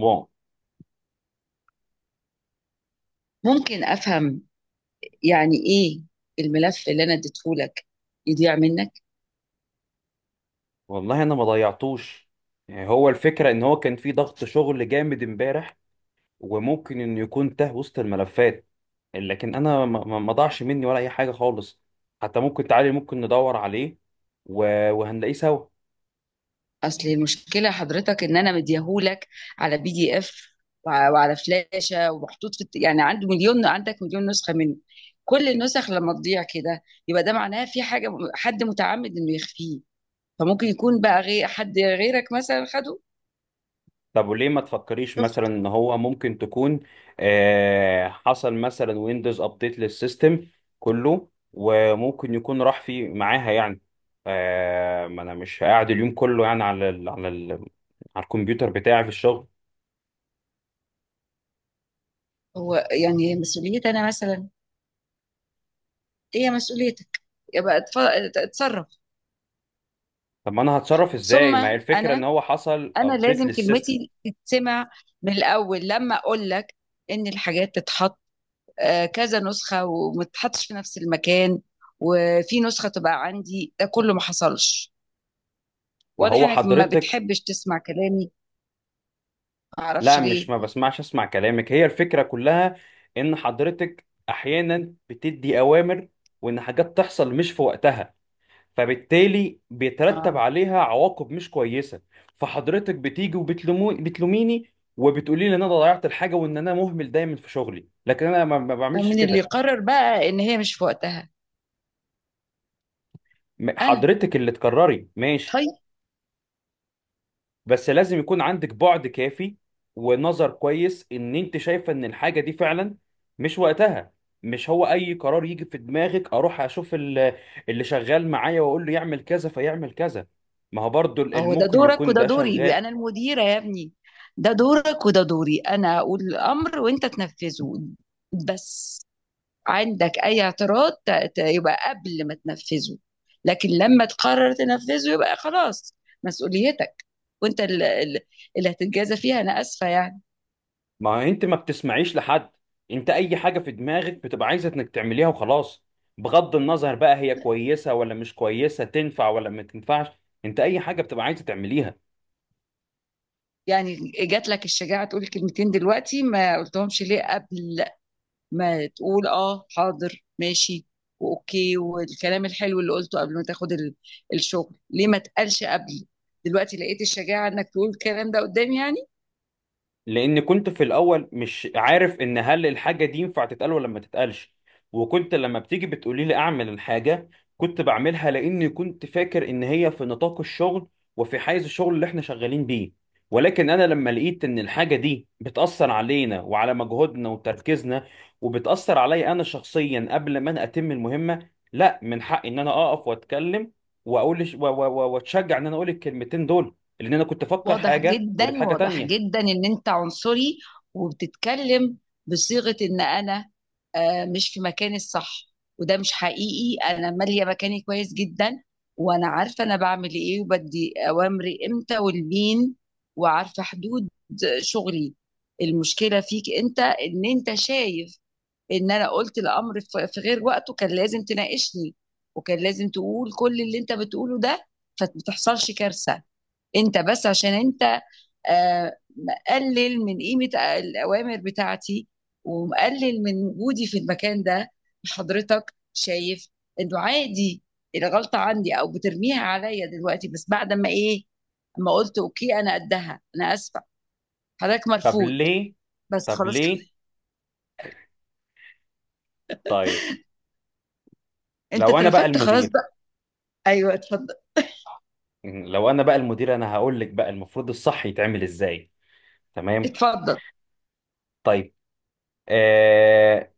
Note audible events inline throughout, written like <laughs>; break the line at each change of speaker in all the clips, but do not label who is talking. واو،
ممكن افهم يعني ايه الملف اللي انا اديتهولك يضيع منك؟
والله انا ما ضيعتوش. يعني هو الفكره ان هو كان في ضغط شغل جامد امبارح، وممكن انه يكون تاه وسط الملفات. لكن انا ما ضاعش مني ولا اي حاجه خالص. حتى ممكن تعالي، ممكن ندور عليه وهنلاقيه سوا.
اصل المشكله حضرتك ان انا مديهولك على بي دي اف، وعلى فلاشه ومحطوط يعني عنده مليون عندك مليون نسخه منه. كل النسخ لما تضيع كده، يبقى ده معناه في حاجه، حد متعمد انه يخفيه. فممكن يكون بقى غير حد غيرك مثلا خده.
طب وليه ما تفكريش مثلا
شفت؟
ان هو ممكن تكون حصل مثلا ويندوز ابديت للسيستم كله، وممكن يكون راح في معاها يعني. ما انا مش قاعد اليوم كله يعني على ال على ال على الكمبيوتر بتاعي في الشغل.
هو يعني هي مسؤوليتي انا مثلا؟ إيه هي مسؤوليتك؟ يبقى اتصرف.
طب ما انا هتصرف ازاي؟
ثم
ما هي الفكرة ان
انا
هو حصل
انا
ابديت
لازم
للسيستم.
كلمتي تتسمع، من الاول لما اقول لك ان الحاجات تتحط كذا نسخه وما تتحطش في نفس المكان، وفي نسخه تبقى عندي، ده كله ما حصلش.
ما
واضح
هو
انك ما
حضرتك،
بتحبش تسمع كلامي، ما اعرفش
لا مش
ليه.
ما بسمعش، اسمع كلامك. هي الفكرة كلها ان حضرتك احيانا بتدي اوامر، وان حاجات تحصل مش في وقتها، فبالتالي بيترتب
اه.
عليها عواقب مش كويسه. فحضرتك بتيجي وبتلومو، بتلوميني وبتقولي لي ان انا ضيعت الحاجه وان انا مهمل دايما في شغلي، لكن انا ما بعملش
ومن اللي
كده.
قرر بقى ان هي مش في وقتها؟ انا.
حضرتك اللي تكرري ماشي،
طيب.
بس لازم يكون عندك بعد كافي ونظر كويس ان انت شايفه ان الحاجه دي فعلا مش وقتها. مش هو اي قرار يجي في دماغك اروح اشوف اللي شغال معايا واقول له يعمل كذا فيعمل كذا. ما هو برضو
هو ده
ممكن
دورك
يكون
وده
ده
دوري،
شغال.
انا المديره يا ابني. ده دورك وده دوري، انا اقول الامر وانت تنفذه، بس. عندك اي اعتراض يبقى قبل ما تنفذه، لكن لما تقرر تنفذه يبقى خلاص مسؤوليتك، وانت اللي هتتجازى فيها، انا اسفه يعني.
ما انت ما بتسمعيش لحد. انت اي حاجة في دماغك بتبقى عايزة انك تعمليها وخلاص، بغض النظر بقى هي كويسة ولا مش كويسة، تنفع ولا ما تنفعش. انت اي حاجة بتبقى عايزة تعمليها.
يعني جات لك الشجاعه تقول كلمتين دلوقتي، ما قلتهمش ليه قبل؟ ما تقول اه حاضر ماشي واوكي، والكلام الحلو اللي قلته قبل ما تاخد الشغل، ليه ما تقالش قبل؟ دلوقتي لقيت الشجاعه انك تقول الكلام ده قدامي يعني.
لان كنت في الاول مش عارف ان هل الحاجه دي ينفع تتقال ولا ما تتقالش. وكنت لما بتيجي بتقولي لي اعمل الحاجه، كنت بعملها لاني كنت فاكر ان هي في نطاق الشغل وفي حيز الشغل اللي احنا شغالين بيه. ولكن انا لما لقيت ان الحاجه دي بتاثر علينا وعلى مجهودنا وتركيزنا، وبتاثر عليا انا شخصيا، قبل ما انا اتم المهمه، لا من حقي ان انا اقف واتكلم واقول واتشجع ان انا اقول الكلمتين دول، لان انا كنت افكر
واضح
حاجه
جدا،
ولقيت حاجه
واضح
تانية.
جدا ان انت عنصري، وبتتكلم بصيغة ان انا مش في مكاني الصح، وده مش حقيقي. انا مالية مكاني كويس جدا، وانا عارفة انا بعمل ايه، وبدي اوامري امتى والمين، وعارفة حدود شغلي. المشكلة فيك انت ان انت شايف ان انا قلت الامر في غير وقته، كان لازم تناقشني، وكان لازم تقول كل اللي انت بتقوله ده، فما تحصلش كارثة. انت بس عشان انت مقلل من قيمة الأوامر بتاعتي، ومقلل من وجودي في المكان ده. حضرتك شايف إنه عادي الغلطة عندي، أو بترميها عليا دلوقتي، بس بعد ما إيه؟ ما قلت أوكي، أنا قدها، أنا آسفة حضرتك،
طب
مرفوض.
ليه؟
بس
طب
خلاص كده.
ليه؟ طيب،
<laughs> أنت
لو انا بقى
اترفدت خلاص
المدير،
بقى. أيوه اتفضل.
انا هقول لك بقى المفروض الصح يتعمل ازاي. تمام.
اتفضل.
طيب. آه...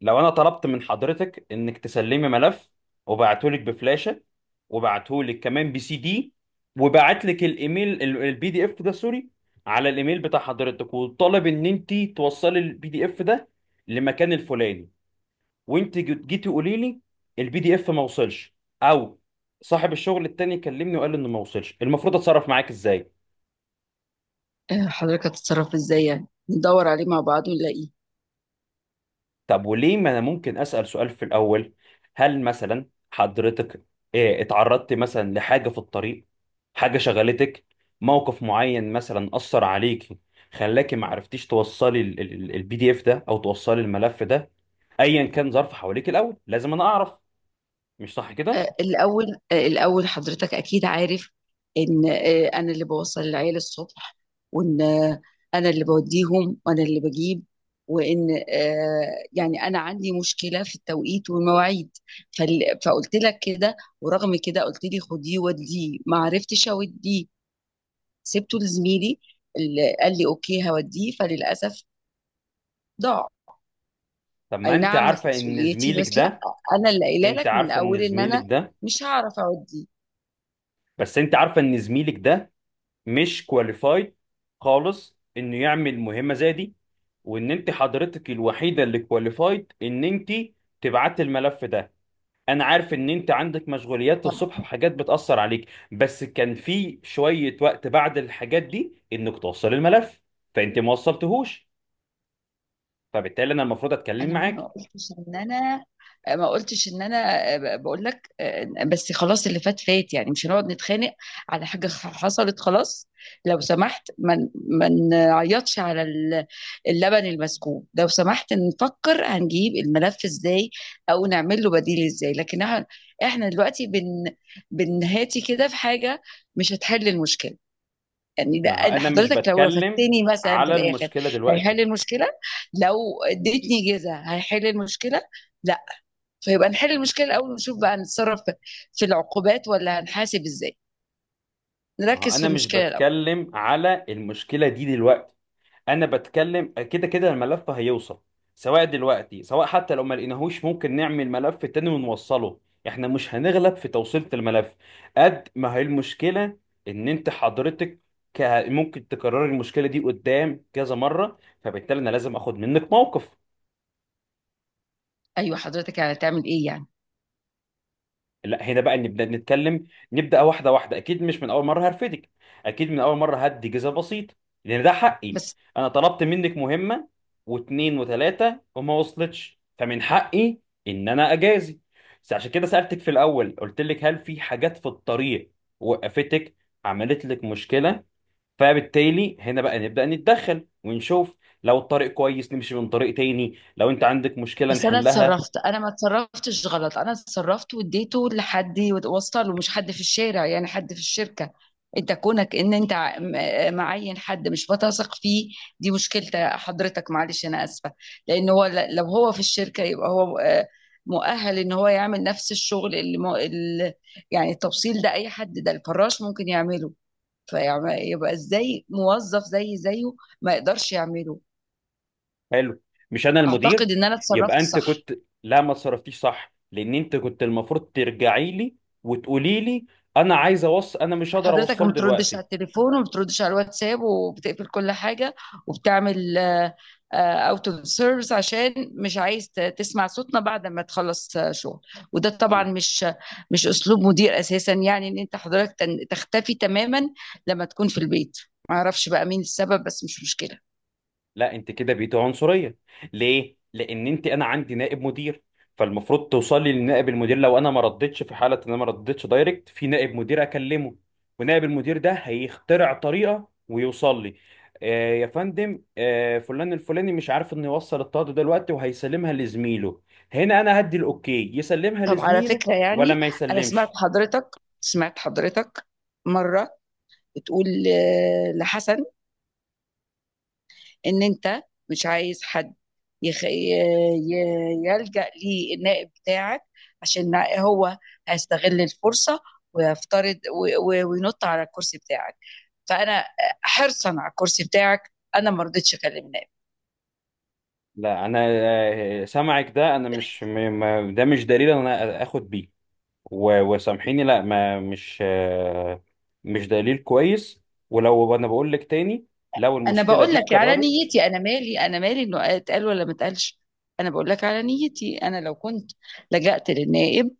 لو انا طلبت من حضرتك انك تسلمي ملف، وبعته لك بفلاشة، وبعته لك كمان بي سي دي، وبعت لك الايميل البي دي اف ده، سوري، على الايميل بتاع حضرتك، وطالب ان انت توصلي البي دي اف ده لمكان الفلاني، وانت جيتي قولي لي البي دي اف ما وصلش. او صاحب الشغل التاني كلمني وقال لي انه ما وصلش، المفروض اتصرف معاك ازاي؟
حضرتك هتتصرف إزاي؟ يعني ندور عليه مع بعض ونلاقيه.
طب وليه، ما انا ممكن اسال سؤال في الاول. هل مثلا حضرتك اتعرضت مثلا لحاجه في الطريق، حاجه شغلتك، موقف معين مثلا اثر عليكي، خلاكي ما عرفتيش توصلي البي دي اف ده او توصلي الملف ده؟ ايا كان ظرف حواليك، الاول لازم انا اعرف. مش صح كده؟
الأول حضرتك أكيد عارف إن أنا اللي بوصل العيال الصبح، وإن أنا اللي بوديهم وأنا اللي بجيب، وإن يعني أنا عندي مشكلة في التوقيت والمواعيد. فقلت لك كده، ورغم كده قلت لي خديه وديه، ما عرفتش أوديه، سبته لزميلي اللي قال لي أوكي هوديه، فللأسف ضاع.
طب ما
أي
انت
نعم
عارفه ان
مسؤوليتي،
زميلك
بس لا،
ده،
أنا اللي قايله
انت
لك من
عارفه ان
الأول إن
زميلك
أنا
ده،
مش هعرف أوديه.
بس انت عارفه ان زميلك ده مش كواليفايد خالص انه يعمل مهمه زي دي. وان انت حضرتك الوحيده اللي كواليفايد ان انت تبعت الملف ده. انا عارف ان انت عندك مشغوليات الصبح وحاجات بتاثر عليك، بس كان في شويه وقت بعد الحاجات دي انك توصل الملف. فانت ما وصلتهوش، فبالتالي انا المفروض اتكلم
انا ما
معاك.
قلتش ان انا ما قلتش ان انا بقول لك بس خلاص، اللي فات فات، يعني مش هنقعد نتخانق على حاجه حصلت خلاص. لو سمحت، ما نعيطش على اللبن المسكوب. لو سمحت نفكر هنجيب الملف ازاي، او نعمل له بديل ازاي، لكن احنا دلوقتي بنهاتي كده في حاجه مش هتحل المشكله. يعني
ما هو انا مش
حضرتك لو
بتكلم
رفدتني مثلا في
على
الاخر،
المشكله دلوقتي.
هيحل المشكله؟ لو اديتني جزا هيحل المشكله؟ لا. فيبقى نحل المشكله الاول، ونشوف بقى هنتصرف في العقوبات ولا هنحاسب ازاي.
ما هو
نركز في
انا مش
المشكله الاول.
بتكلم على المشكله دي دلوقتي انا بتكلم، كده كده الملف هيوصل، سواء دلوقتي سواء حتى لو ما لقيناهوش، ممكن نعمل ملف تاني ونوصله. احنا مش هنغلب في توصيله الملف، قد ما هي المشكله ان انت حضرتك ك... ممكن تكرر المشكله دي قدام كذا مره. فبالتالي انا لازم اخد منك موقف.
ايوه حضرتك يعني هتعمل ايه يعني؟
لا هنا بقى نبدا نتكلم، نبدا واحده واحده، اكيد مش من اول مره هرفدك، اكيد من اول مره هدي جزء بسيط، لان ده حقي.
بس
انا طلبت منك مهمه، واتنين وتلاته، وما وصلتش، فمن حقي ان انا اجازي. بس عشان كده سالتك في الاول قلت لك هل في حاجات في الطريق وقفتك، عملت لك مشكله؟ فبالتالي هنا بقى نبدا نتدخل ونشوف. لو الطريق كويس نمشي من طريق تاني، لو انت عندك مشكله
بس انا
نحلها.
اتصرفت، انا ما اتصرفتش غلط، انا اتصرفت واديته لحد وصل، ومش حد في الشارع يعني، حد في الشركه. انت كونك ان انت معين حد مش بتثق فيه، دي مشكلة حضرتك معلش انا اسفه. لان هو لو هو في الشركه يبقى هو مؤهل ان هو يعمل نفس الشغل اللي يعني التوصيل ده، اي حد، ده الفراش ممكن يعمله. فيبقى ازاي موظف زي زيه ما يقدرش يعمله؟
حلو، مش انا المدير؟
اعتقد ان انا
يبقى
اتصرفت
انت
صح.
كنت، لا ما تصرفتيش صح، لان انت كنت المفروض ترجعي لي وتقولي لي انا عايز اوصل، انا مش هقدر
حضرتك ما
اوصله
بتردش على
دلوقتي.
التليفون، وما بتردش على الواتساب، وبتقفل كل حاجة، وبتعمل اوت اوف سيرفيس عشان مش عايز تسمع صوتنا بعد ما تخلص شغل. وده طبعا مش اسلوب مدير اساسا. يعني ان انت حضرتك تختفي تماما لما تكون في البيت. ما اعرفش بقى مين السبب، بس مش مشكلة.
لا انت كده بقيتي عنصريه. ليه؟ لان انت، انا عندي نائب مدير، فالمفروض توصلي لنائب المدير لو انا ما ردتش. في حاله ان انا ما ردتش دايركت، في نائب مدير اكلمه، ونائب المدير ده هيخترع طريقه ويوصل لي. آه يا فندم، آه فلان الفلاني مش عارف انه يوصل الطاقه دلوقتي وهيسلمها لزميله، هنا انا هدي الاوكي يسلمها
طب على
لزميله
فكرة
ولا
يعني،
ما
انا
يسلمش.
سمعت حضرتك مرة بتقول لحسن ان انت مش عايز حد يلجأ ليه النائب بتاعك، عشان هو هيستغل الفرصة ويفترض وينط على الكرسي بتاعك. فأنا حرصا على الكرسي بتاعك، أنا ما رضيتش أكلم نائب.
لا انا سمعك ده، انا مش ده مش دليل إن انا اخد بيه. وسامحيني، لا ما مش مش دليل كويس. ولو انا بقول لك تاني، لو
أنا
المشكله
بقول
دي
لك على
اتكررت.
نيتي، أنا مالي إنه اتقال ولا ما اتقالش. أنا بقول لك على نيتي، أنا لو كنت لجأت للنائب،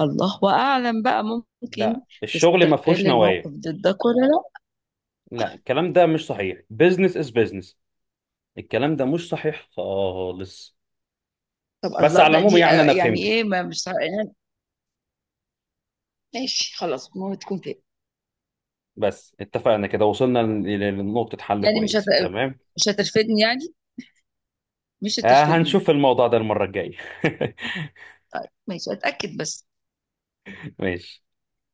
الله أعلم بقى، ممكن
لا الشغل
يستغل
ما فيهوش
الموقف
نوايا.
ضدك ولا لا.
لا الكلام ده مش صحيح، بيزنس از بيزنس. الكلام ده مش صحيح خالص.
طب
بس
الله،
على العموم
دي
يعني انا
يعني
فهمتك.
ايه؟ ما مش يعني، ماشي خلاص، ما هو تكون كده.
بس اتفقنا كده، وصلنا لنقطه حل
يعني
كويسه، تمام.
مش هترفدني يعني، مش
آه،
هترفدني؟
هنشوف الموضوع ده المره الجايه. <laughs>
طيب، ماشي، اتاكد بس.
ماشي